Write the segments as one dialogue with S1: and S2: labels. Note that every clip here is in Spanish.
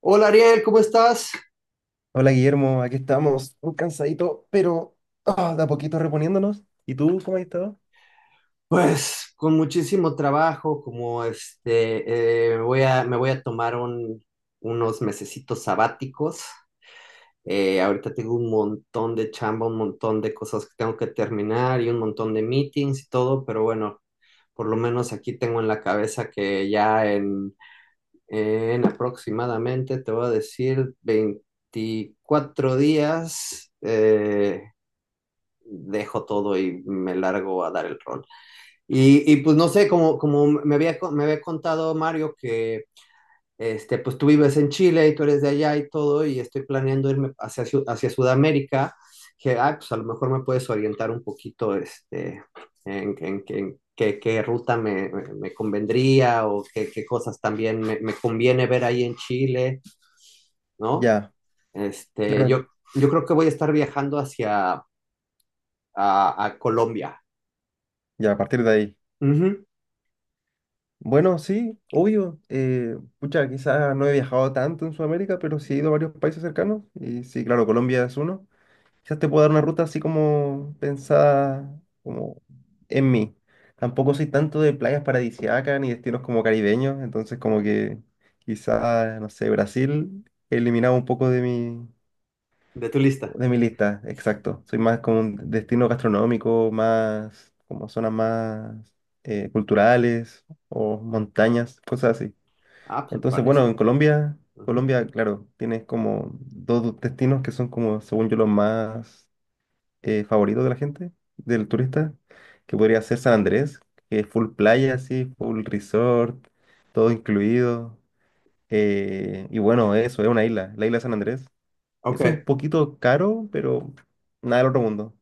S1: Hola Ariel, ¿cómo estás?
S2: Hola Guillermo, aquí estamos, un cansadito, pero de a poquito reponiéndonos. ¿Y tú cómo has estado?
S1: Pues con muchísimo trabajo, como este, me voy a tomar unos mesecitos sabáticos. Ahorita tengo un montón de chamba, un montón de cosas que tengo que terminar y un montón de meetings y todo, pero bueno, por lo menos aquí tengo en la cabeza que ya en aproximadamente, te voy a decir, 24 días, dejo todo y me largo a dar el rol. Pues no sé, como me había contado Mario que este, pues tú vives en Chile y tú eres de allá y todo, y estoy planeando irme hacia Sudamérica, que pues a lo mejor me puedes orientar un poquito este, en qué ruta me convendría o qué cosas también me conviene ver ahí en Chile, ¿no?
S2: Ya,
S1: Este,
S2: claro,
S1: yo, yo creo que voy a estar viajando hacia a Colombia.
S2: ya a partir de ahí.
S1: Ujú.
S2: Bueno, sí, obvio. Pucha, quizás no he viajado tanto en Sudamérica, pero sí he ido a varios países cercanos. Y sí, claro, Colombia es uno. Quizás te puedo dar una ruta así como pensada como en mí. Tampoco soy tanto de playas paradisíacas ni destinos como caribeños, entonces como que quizás, no sé, Brasil eliminaba un poco de mi
S1: De tu lista.
S2: De mi lista, exacto. Soy más como un destino gastronómico, más como zonas más culturales o montañas, cosas así.
S1: Ah, pues me
S2: Entonces, bueno, en
S1: parece.
S2: Colombia,
S1: Ujú.
S2: Colombia, claro, tienes como dos destinos que son como, según yo, los más favoritos de la gente, del turista, que podría ser San Andrés, que es full playa, así, full resort, todo incluido. Y bueno, eso, es una isla, la isla de San Andrés es un
S1: Ok.
S2: poquito caro, pero nada del otro mundo.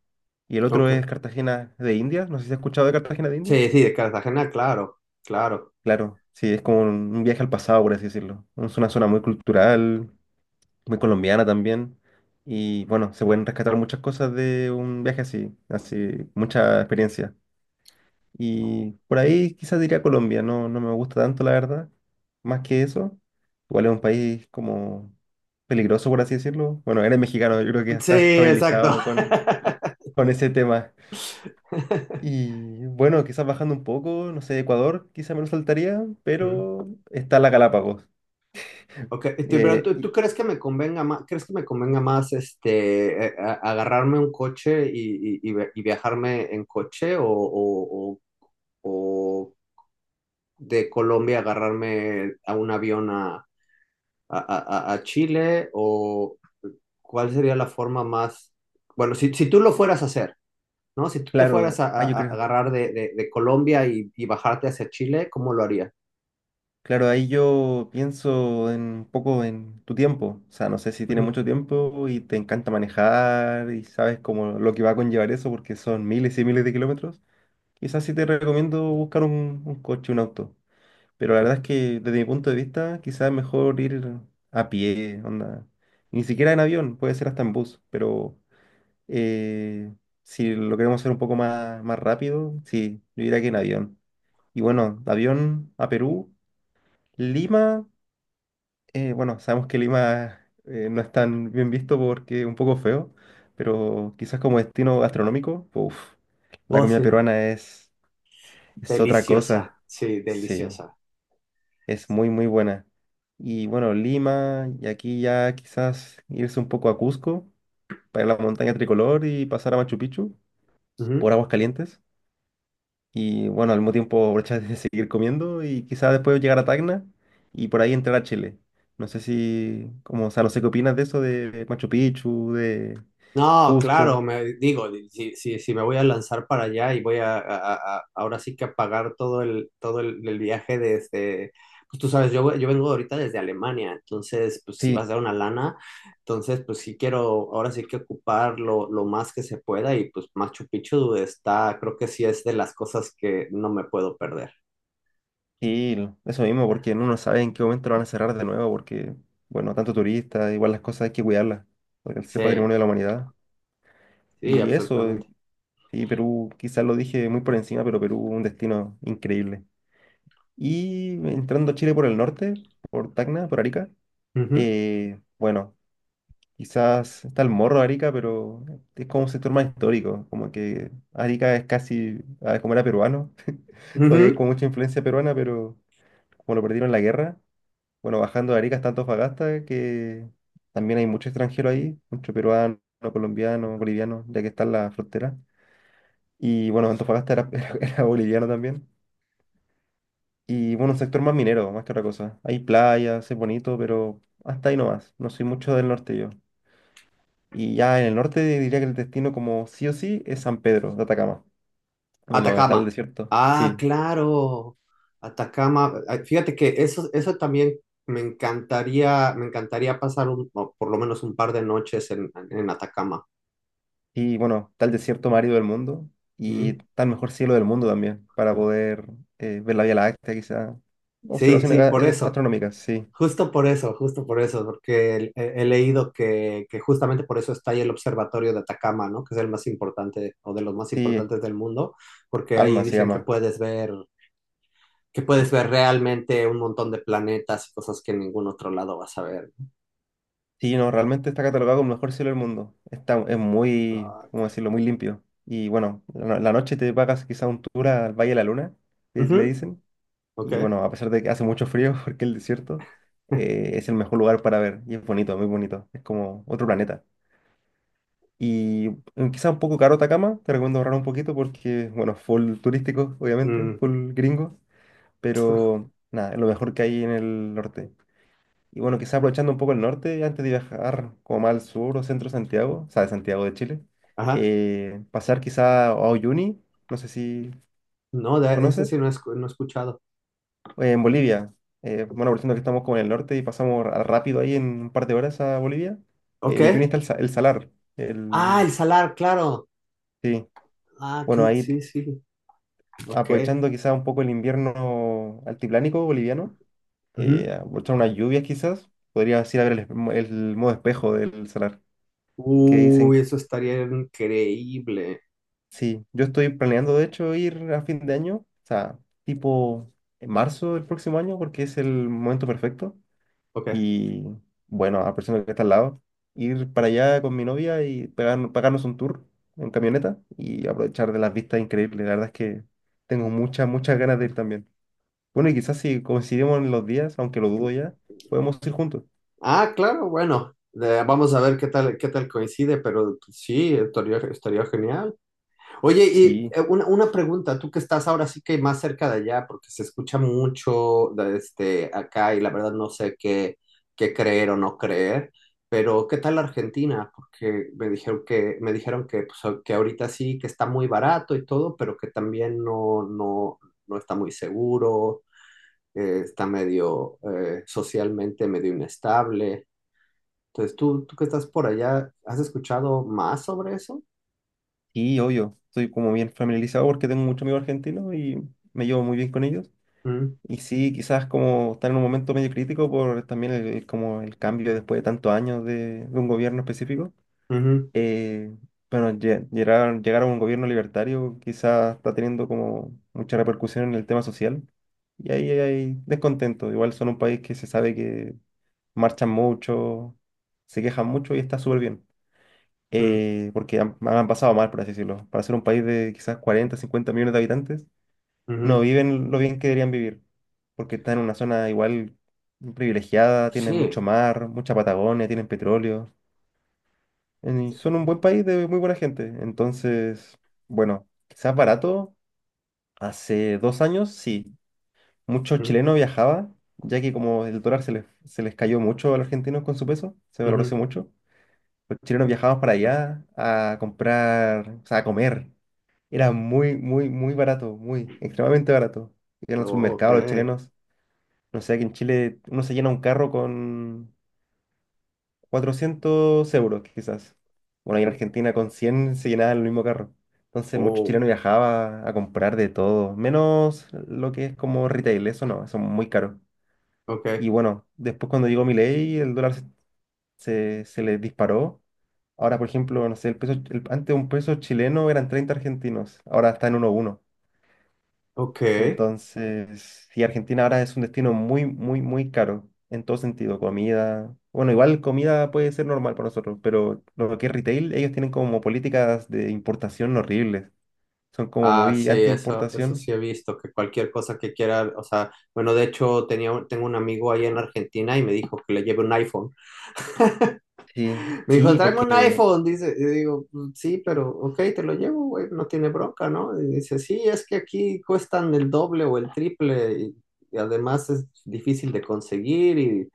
S2: Y el otro es
S1: Ok.
S2: Cartagena de Indias. No sé si has escuchado de Cartagena de Indias.
S1: Sí, sí, de Cartagena, claro, claro.
S2: Claro, sí, es como un viaje al pasado, por así decirlo. Es una zona muy cultural, muy colombiana también. Y bueno, se pueden rescatar muchas cosas de un viaje así, mucha experiencia. Y por ahí quizás diría Colombia, no, no me gusta tanto, la verdad. Más que eso, igual es un país como peligroso, por así decirlo. Bueno, eres mexicano, yo creo que ya
S1: Sí,
S2: estás
S1: exacto.
S2: familiarizado con ese tema. Y bueno, quizás bajando un poco, no sé, Ecuador, quizás me lo saltaría,
S1: Mm.
S2: pero está la Galápagos.
S1: Ok, este, pero ¿tú,
S2: Y
S1: tú crees que me convenga más, este, agarrarme un coche y viajarme en coche o de Colombia agarrarme a un avión a Chile? ¿O cuál sería la forma más, bueno, si tú lo fueras a hacer, ¿no? Si tú te fueras
S2: claro,
S1: a, a-
S2: yo
S1: a
S2: creo.
S1: agarrar de Colombia y bajarte hacia Chile, ¿cómo lo haría?
S2: Claro, ahí yo pienso en, un poco en tu tiempo. O sea, no sé si tienes
S1: Ujú.
S2: mucho tiempo y te encanta manejar y sabes como lo que va a conllevar eso porque son miles y miles de kilómetros. Quizás sí te recomiendo buscar un coche, un auto. Pero la verdad es que desde mi punto de vista, quizás es mejor ir a pie, onda. Y ni siquiera en avión, puede ser hasta en bus, pero eh, si lo queremos hacer un poco más rápido, sí, yo diría que en avión. Y bueno, de avión a Perú, Lima, bueno, sabemos que Lima no es tan bien visto porque es un poco feo, pero quizás como destino gastronómico, uff, la
S1: Oh,
S2: comida
S1: sí,
S2: peruana es otra
S1: deliciosa,
S2: cosa,
S1: sí,
S2: sí.
S1: deliciosa.
S2: Es muy, muy buena. Y bueno, Lima, y aquí ya quizás irse un poco a Cusco, para la montaña tricolor y pasar a Machu Picchu por
S1: Ujú.
S2: aguas calientes. Y bueno, al mismo tiempo aprovechar de seguir comiendo y quizás después llegar a Tacna y por ahí entrar a Chile. No sé si, como, o sea, no sé qué opinas de eso de Machu Picchu, de
S1: No, claro,
S2: Cusco.
S1: me digo, si me voy a lanzar para allá y voy ahora sí que a pagar todo el viaje desde, pues tú sabes, yo vengo ahorita desde Alemania, entonces, pues si vas a
S2: Sí,
S1: dar una lana, entonces, pues sí quiero, ahora sí que ocupar lo más que se pueda y pues Machu Picchu está, creo que sí es de las cosas que no me puedo perder.
S2: sí, eso mismo, porque uno no sabe en qué momento lo van a cerrar de nuevo, porque, bueno, tanto turista, igual las cosas hay que cuidarlas, porque es el
S1: Sí,
S2: patrimonio de la humanidad.
S1: sí,
S2: Y eso,
S1: absolutamente.
S2: y Perú, quizás lo dije muy por encima, pero Perú, un destino increíble. Y entrando a Chile por el norte, por Tacna, por Arica,
S1: Ujú,
S2: bueno, quizás está el Morro de Arica, pero es como un sector más histórico, como que Arica es casi, como era peruano, todavía hay
S1: ujú.
S2: como mucha influencia peruana, pero como lo perdieron en la guerra, bueno, bajando de Arica hasta Antofagasta, que también hay mucho extranjero ahí, mucho peruano, colombiano, boliviano, ya que está en la frontera. Y bueno, Antofagasta era, era boliviano también. Y bueno, un sector más minero, más que otra cosa. Hay playas, es bonito, pero hasta ahí nomás. No soy mucho del norte yo. Y ya en el norte diría que el destino como sí o sí es San Pedro de Atacama. Bueno, donde está el
S1: Atacama.
S2: desierto.
S1: Ah,
S2: Sí.
S1: claro. Atacama. Ah, fíjate que eso también me encantaría pasar o por lo menos un par de noches en Atacama.
S2: Y bueno, está el desierto más árido del mundo. Y
S1: Mm.
S2: está el mejor cielo del mundo también, para poder ver la Vía Láctea, quizá.
S1: Sí,
S2: Observaciones
S1: sí, por eso.
S2: astronómicas, sí.
S1: Justo por eso, justo por eso, porque he leído que justamente por eso está ahí el observatorio de Atacama, ¿no? Que es el más importante o de los más
S2: Sí,
S1: importantes del mundo, porque ahí
S2: Alma se
S1: dicen que
S2: llama.
S1: puedes ver, que puedes ver realmente un montón de planetas y cosas que en ningún otro lado vas a ver.
S2: Sí, no, realmente está catalogado como el mejor cielo del mundo. Es muy,
S1: Ah.
S2: ¿cómo decirlo?, muy limpio. Y bueno, la noche te pagas quizá un tour al Valle de la Luna, que le
S1: Ujú.
S2: dicen.
S1: Ok.
S2: Y bueno, a pesar de que hace mucho frío, porque el desierto es el mejor lugar para ver. Y es bonito, muy bonito. Es como otro planeta. Y quizá un poco caro Atacama, te recomiendo ahorrar un poquito porque, bueno, full turístico, obviamente,
S1: Mm,
S2: full gringo. Pero nada, es lo mejor que hay en el norte. Y bueno, quizá aprovechando un poco el norte, antes de viajar como más al sur o centro de Santiago, o sea, de Santiago de Chile,
S1: ajá.
S2: pasar quizá a Uyuni, no sé si
S1: No, ese sí
S2: conoces,
S1: no he escuchado.
S2: en Bolivia. Bueno, aprovechando que estamos como en el norte y pasamos rápido ahí en un par de horas a Bolivia,
S1: Ok.
S2: Uyuni está el salar.
S1: Ah,
S2: El,
S1: el salar, claro.
S2: sí,
S1: Ah,
S2: bueno, ahí
S1: sí, sí. Ok.
S2: aprovechando quizá un poco el invierno altiplánico boliviano,
S1: Ujú.
S2: aprovechar unas lluvias quizás, podrías ir a ver el modo espejo del salar que
S1: Uy,
S2: dicen.
S1: eso estaría increíble.
S2: Sí, yo estoy planeando de hecho ir a fin de año, o sea, tipo en marzo del próximo año, porque es el momento perfecto.
S1: Ok.
S2: Y bueno, a la persona que está al lado, ir para allá con mi novia y pagarnos un tour en camioneta y aprovechar de las vistas increíbles. La verdad es que tengo muchas, muchas ganas de ir también. Bueno, y quizás si coincidimos en los días, aunque lo dudo ya, podemos ir juntos.
S1: Ah, claro, bueno. Vamos a ver qué tal coincide, pero sí, estaría genial. Oye, y
S2: Sí,
S1: una pregunta, tú que estás ahora sí que más cerca de allá, porque se escucha mucho de este acá y la verdad no sé qué creer o no creer, pero ¿qué tal Argentina? Porque me dijeron que, pues, que ahorita sí, que está muy barato y todo, pero que también no está muy seguro, está medio socialmente medio inestable. Entonces, tú que estás por allá, ¿has escuchado más sobre eso?
S2: sí, obvio. Estoy como bien familiarizado porque tengo muchos amigos argentinos y me llevo muy bien con ellos.
S1: Mm,
S2: Y sí, quizás como están en un momento medio crítico por también como el cambio después de, tantos años de un gobierno específico.
S1: ujú,
S2: Eh, bueno, llegar a un gobierno libertario quizás está teniendo como mucha repercusión en el tema social. Y ahí hay descontento. Igual son un país que se sabe que marchan mucho, se quejan mucho y está súper bien.
S1: mm,
S2: Porque han pasado mal, por así decirlo. Para ser un país de quizás 40 50 millones de habitantes no
S1: ujú.
S2: viven lo bien que deberían vivir, porque están en una zona igual privilegiada, tienen
S1: Sí.
S2: mucho mar, mucha Patagonia, tienen petróleo, y son un buen país de muy buena gente. Entonces, bueno, quizás barato, hace 2 años sí, muchos
S1: Ujú,
S2: chilenos viajaban, ya que como el dólar se les cayó mucho a los argentinos con su peso, se valorizó
S1: ujú.
S2: mucho, los chilenos viajaban para allá a comprar, o sea, a comer. Era muy, muy, muy barato, muy, extremadamente barato. Iban al
S1: Oh,
S2: supermercado los
S1: okay.
S2: chilenos. No sé, aquí en Chile uno se llena un carro con 400 euros, quizás. Bueno, ahí en Argentina con 100 se llenaba el mismo carro. Entonces, muchos
S1: Oh,
S2: chilenos viajaba a comprar de todo, menos lo que es como retail, eso no, eso es muy caro.
S1: okay,
S2: Y bueno, después cuando llegó Milei, el dólar se le disparó. Ahora, por ejemplo, no sé, antes un peso chileno eran 30 argentinos, ahora está en uno uno.
S1: okay.
S2: Entonces, y Argentina ahora es un destino muy, muy, muy caro en todo sentido, comida. Bueno, igual comida puede ser normal para nosotros, pero lo que es retail, ellos tienen como políticas de importación horribles. Son como
S1: Ah,
S2: muy
S1: sí, eso sí
S2: anti-importación.
S1: he visto, que cualquier cosa que quiera, o sea, bueno, de hecho tengo un amigo ahí en Argentina y me dijo que le lleve un iPhone.
S2: Sí,
S1: Me dijo,
S2: sí,
S1: tráeme un
S2: porque
S1: iPhone, dice, y digo, "Mm, sí, pero, ok, te lo llevo, güey, no tiene bronca, ¿no?" Y dice, sí, es que aquí cuestan el doble o el triple y, además es difícil de conseguir y,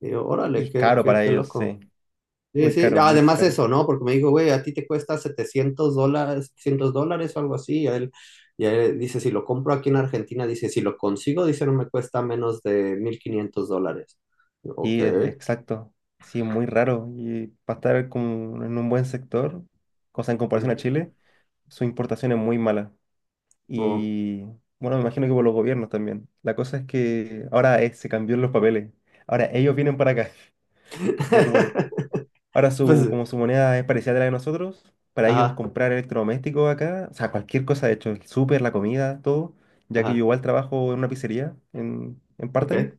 S1: digo, órale,
S2: es
S1: qué,
S2: caro
S1: qué,
S2: para
S1: qué
S2: ellos,
S1: loco.
S2: sí.
S1: Sí,
S2: Muy
S1: sí,
S2: caro, muy
S1: además
S2: caro.
S1: eso, ¿no? Porque me dijo, güey, a ti te cuesta $700, $700 o algo así. Y a él dice, si lo compro aquí en Argentina, dice, si lo consigo, dice, no me cuesta menos de $1.500. Ok.
S2: Sí, exacto. Sí, es muy raro. Y para estar como en un buen sector, cosa en comparación a
S1: Mm,
S2: Chile, su importación es muy mala.
S1: oh.
S2: Y bueno, me imagino que por los gobiernos también. La cosa es que ahora se cambió los papeles. Ahora ellos vienen para acá. Ya como el,
S1: Pues,
S2: Como su moneda es parecida a la de nosotros, para ellos
S1: ajá,
S2: comprar electrodomésticos acá, o sea, cualquier cosa, de hecho, el súper, la comida, todo, ya que yo
S1: ajá,
S2: igual trabajo en una pizzería en part-time.
S1: ok.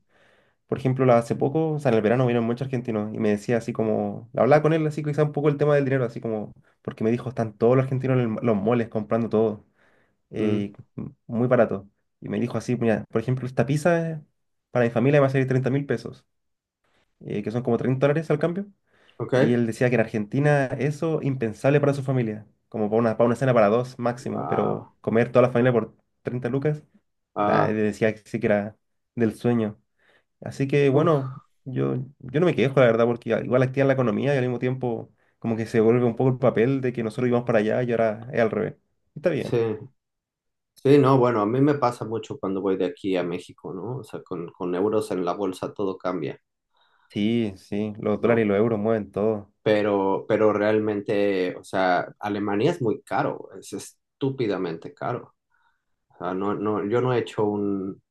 S2: Por ejemplo, hace poco, o sea, en el verano vinieron muchos argentinos y me decía así como, hablaba con él así quizá un poco el tema del dinero, así como, porque me dijo, están todos los argentinos en los moles comprando todo
S1: Mm,
S2: eh, muy barato. Y me dijo así, mira, por ejemplo, esta pizza para mi familia me va a salir 30 mil pesos, que son como 30 dólares al cambio.
S1: ok,
S2: Y él decía que en Argentina eso impensable para su familia, como para una cena para dos máximo,
S1: wow,
S2: pero comer toda la familia por 30 lucas, nada, él
S1: ajá,
S2: decía que sí que era del sueño. Así que
S1: uf,
S2: bueno, yo no me quejo, la verdad, porque igual activa la economía y al mismo tiempo como que se vuelve un poco el papel de que nosotros íbamos para allá y ahora es al revés. Está
S1: sí.
S2: bien.
S1: Sí, no, bueno, a mí me pasa mucho cuando voy de aquí a México, ¿no? O sea, con euros en la bolsa todo cambia,
S2: Sí, sí, los dólares y
S1: ¿no?
S2: los euros mueven todo.
S1: Pero realmente, o sea, Alemania es muy caro, es estúpidamente caro. O sea, yo no he hecho un,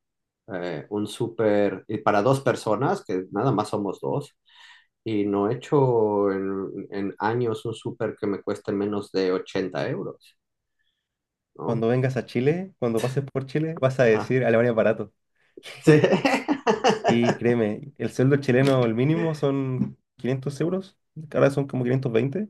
S1: eh, un súper, y para dos personas, que nada más somos dos, y no he hecho en años un súper que me cueste menos de 80 euros, ¿no?
S2: Cuando vengas a Chile, cuando pases por Chile, vas a
S1: Ajá.
S2: decir Alemania es barato.
S1: Sí.
S2: Y créeme, el sueldo chileno, el mínimo son 500 euros, que ahora son como 520,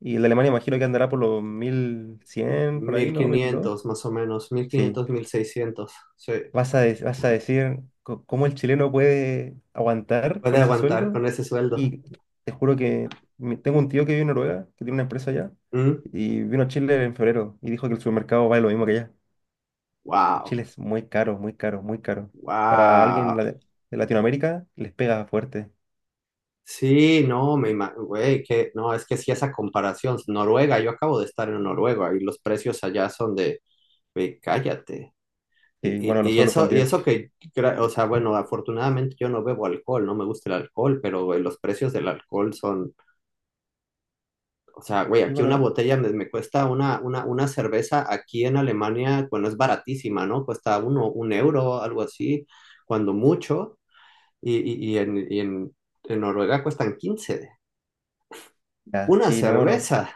S2: y el de Alemania imagino que andará por los 1.100 por ahí,
S1: mil
S2: ¿no? 1200.
S1: quinientos más o menos, mil
S2: Sí,
S1: quinientos 1.600 sí.
S2: vas a decir cómo el chileno puede aguantar
S1: Puede
S2: con ese
S1: aguantar
S2: sueldo,
S1: con ese sueldo.
S2: y te juro que tengo un tío que vive en Noruega, que tiene una empresa allá,
S1: ¿Mm?
S2: y vino a Chile en febrero, y dijo que el supermercado vale lo mismo que allá. Chile
S1: Wow,
S2: es muy caro, muy caro, muy caro. Para alguien
S1: wow.
S2: de Latinoamérica les pega fuerte.
S1: Sí, no, me imagino, güey, que no, es que sí esa comparación, Noruega, yo acabo de estar en Noruega y los precios allá son de, güey, cállate. Y,
S2: Y
S1: y-
S2: bueno, los
S1: y
S2: sueldos
S1: eso, y
S2: también.
S1: eso que, o sea, bueno, afortunadamente yo no bebo alcohol, no me gusta el alcohol, pero güey, los precios del alcohol son, o sea, güey,
S2: Y
S1: aquí una
S2: bueno,
S1: botella me cuesta una, cerveza aquí en Alemania, bueno, es baratísima, ¿no? Cuesta 1 euro, algo así, cuando mucho, y en Noruega cuestan 15,
S2: ya,
S1: una
S2: sí, no, no.
S1: cerveza.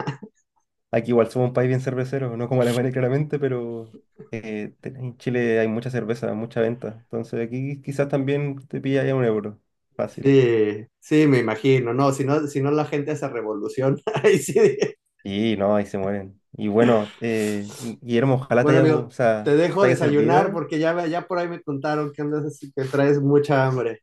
S2: Aquí igual somos un país bien cervecero, no como Alemania claramente, pero en Chile hay mucha cerveza, mucha venta. Entonces aquí quizás también te pilla ya un euro. Fácil.
S1: Sí, sí, me imagino, no, si no la gente se revoluciona. Ahí sí.
S2: Y no, ahí se mueren. Y bueno, Guillermo, ojalá te
S1: Bueno,
S2: haya, o
S1: amigo, te
S2: sea,
S1: dejo
S2: te haya
S1: desayunar
S2: servido.
S1: porque ya por ahí me contaron que andas así, que traes mucha hambre.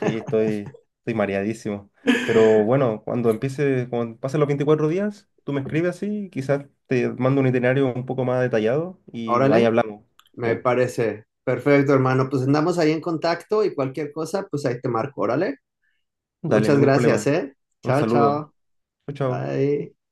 S2: Sí, estoy mareadísimo. Pero bueno, cuando empiece, cuando pasen los 24 días, tú me escribes así, quizás te mando un itinerario un poco más detallado y ahí
S1: Órale,
S2: hablamos.
S1: me
S2: Sí.
S1: parece. Perfecto, hermano. Pues andamos ahí en contacto y cualquier cosa, pues ahí te marco. Órale.
S2: Dale,
S1: Muchas
S2: ningún
S1: gracias,
S2: problema.
S1: ¿eh?
S2: Un
S1: Chao,
S2: saludo.
S1: chao.
S2: Chao, chao.
S1: Bye.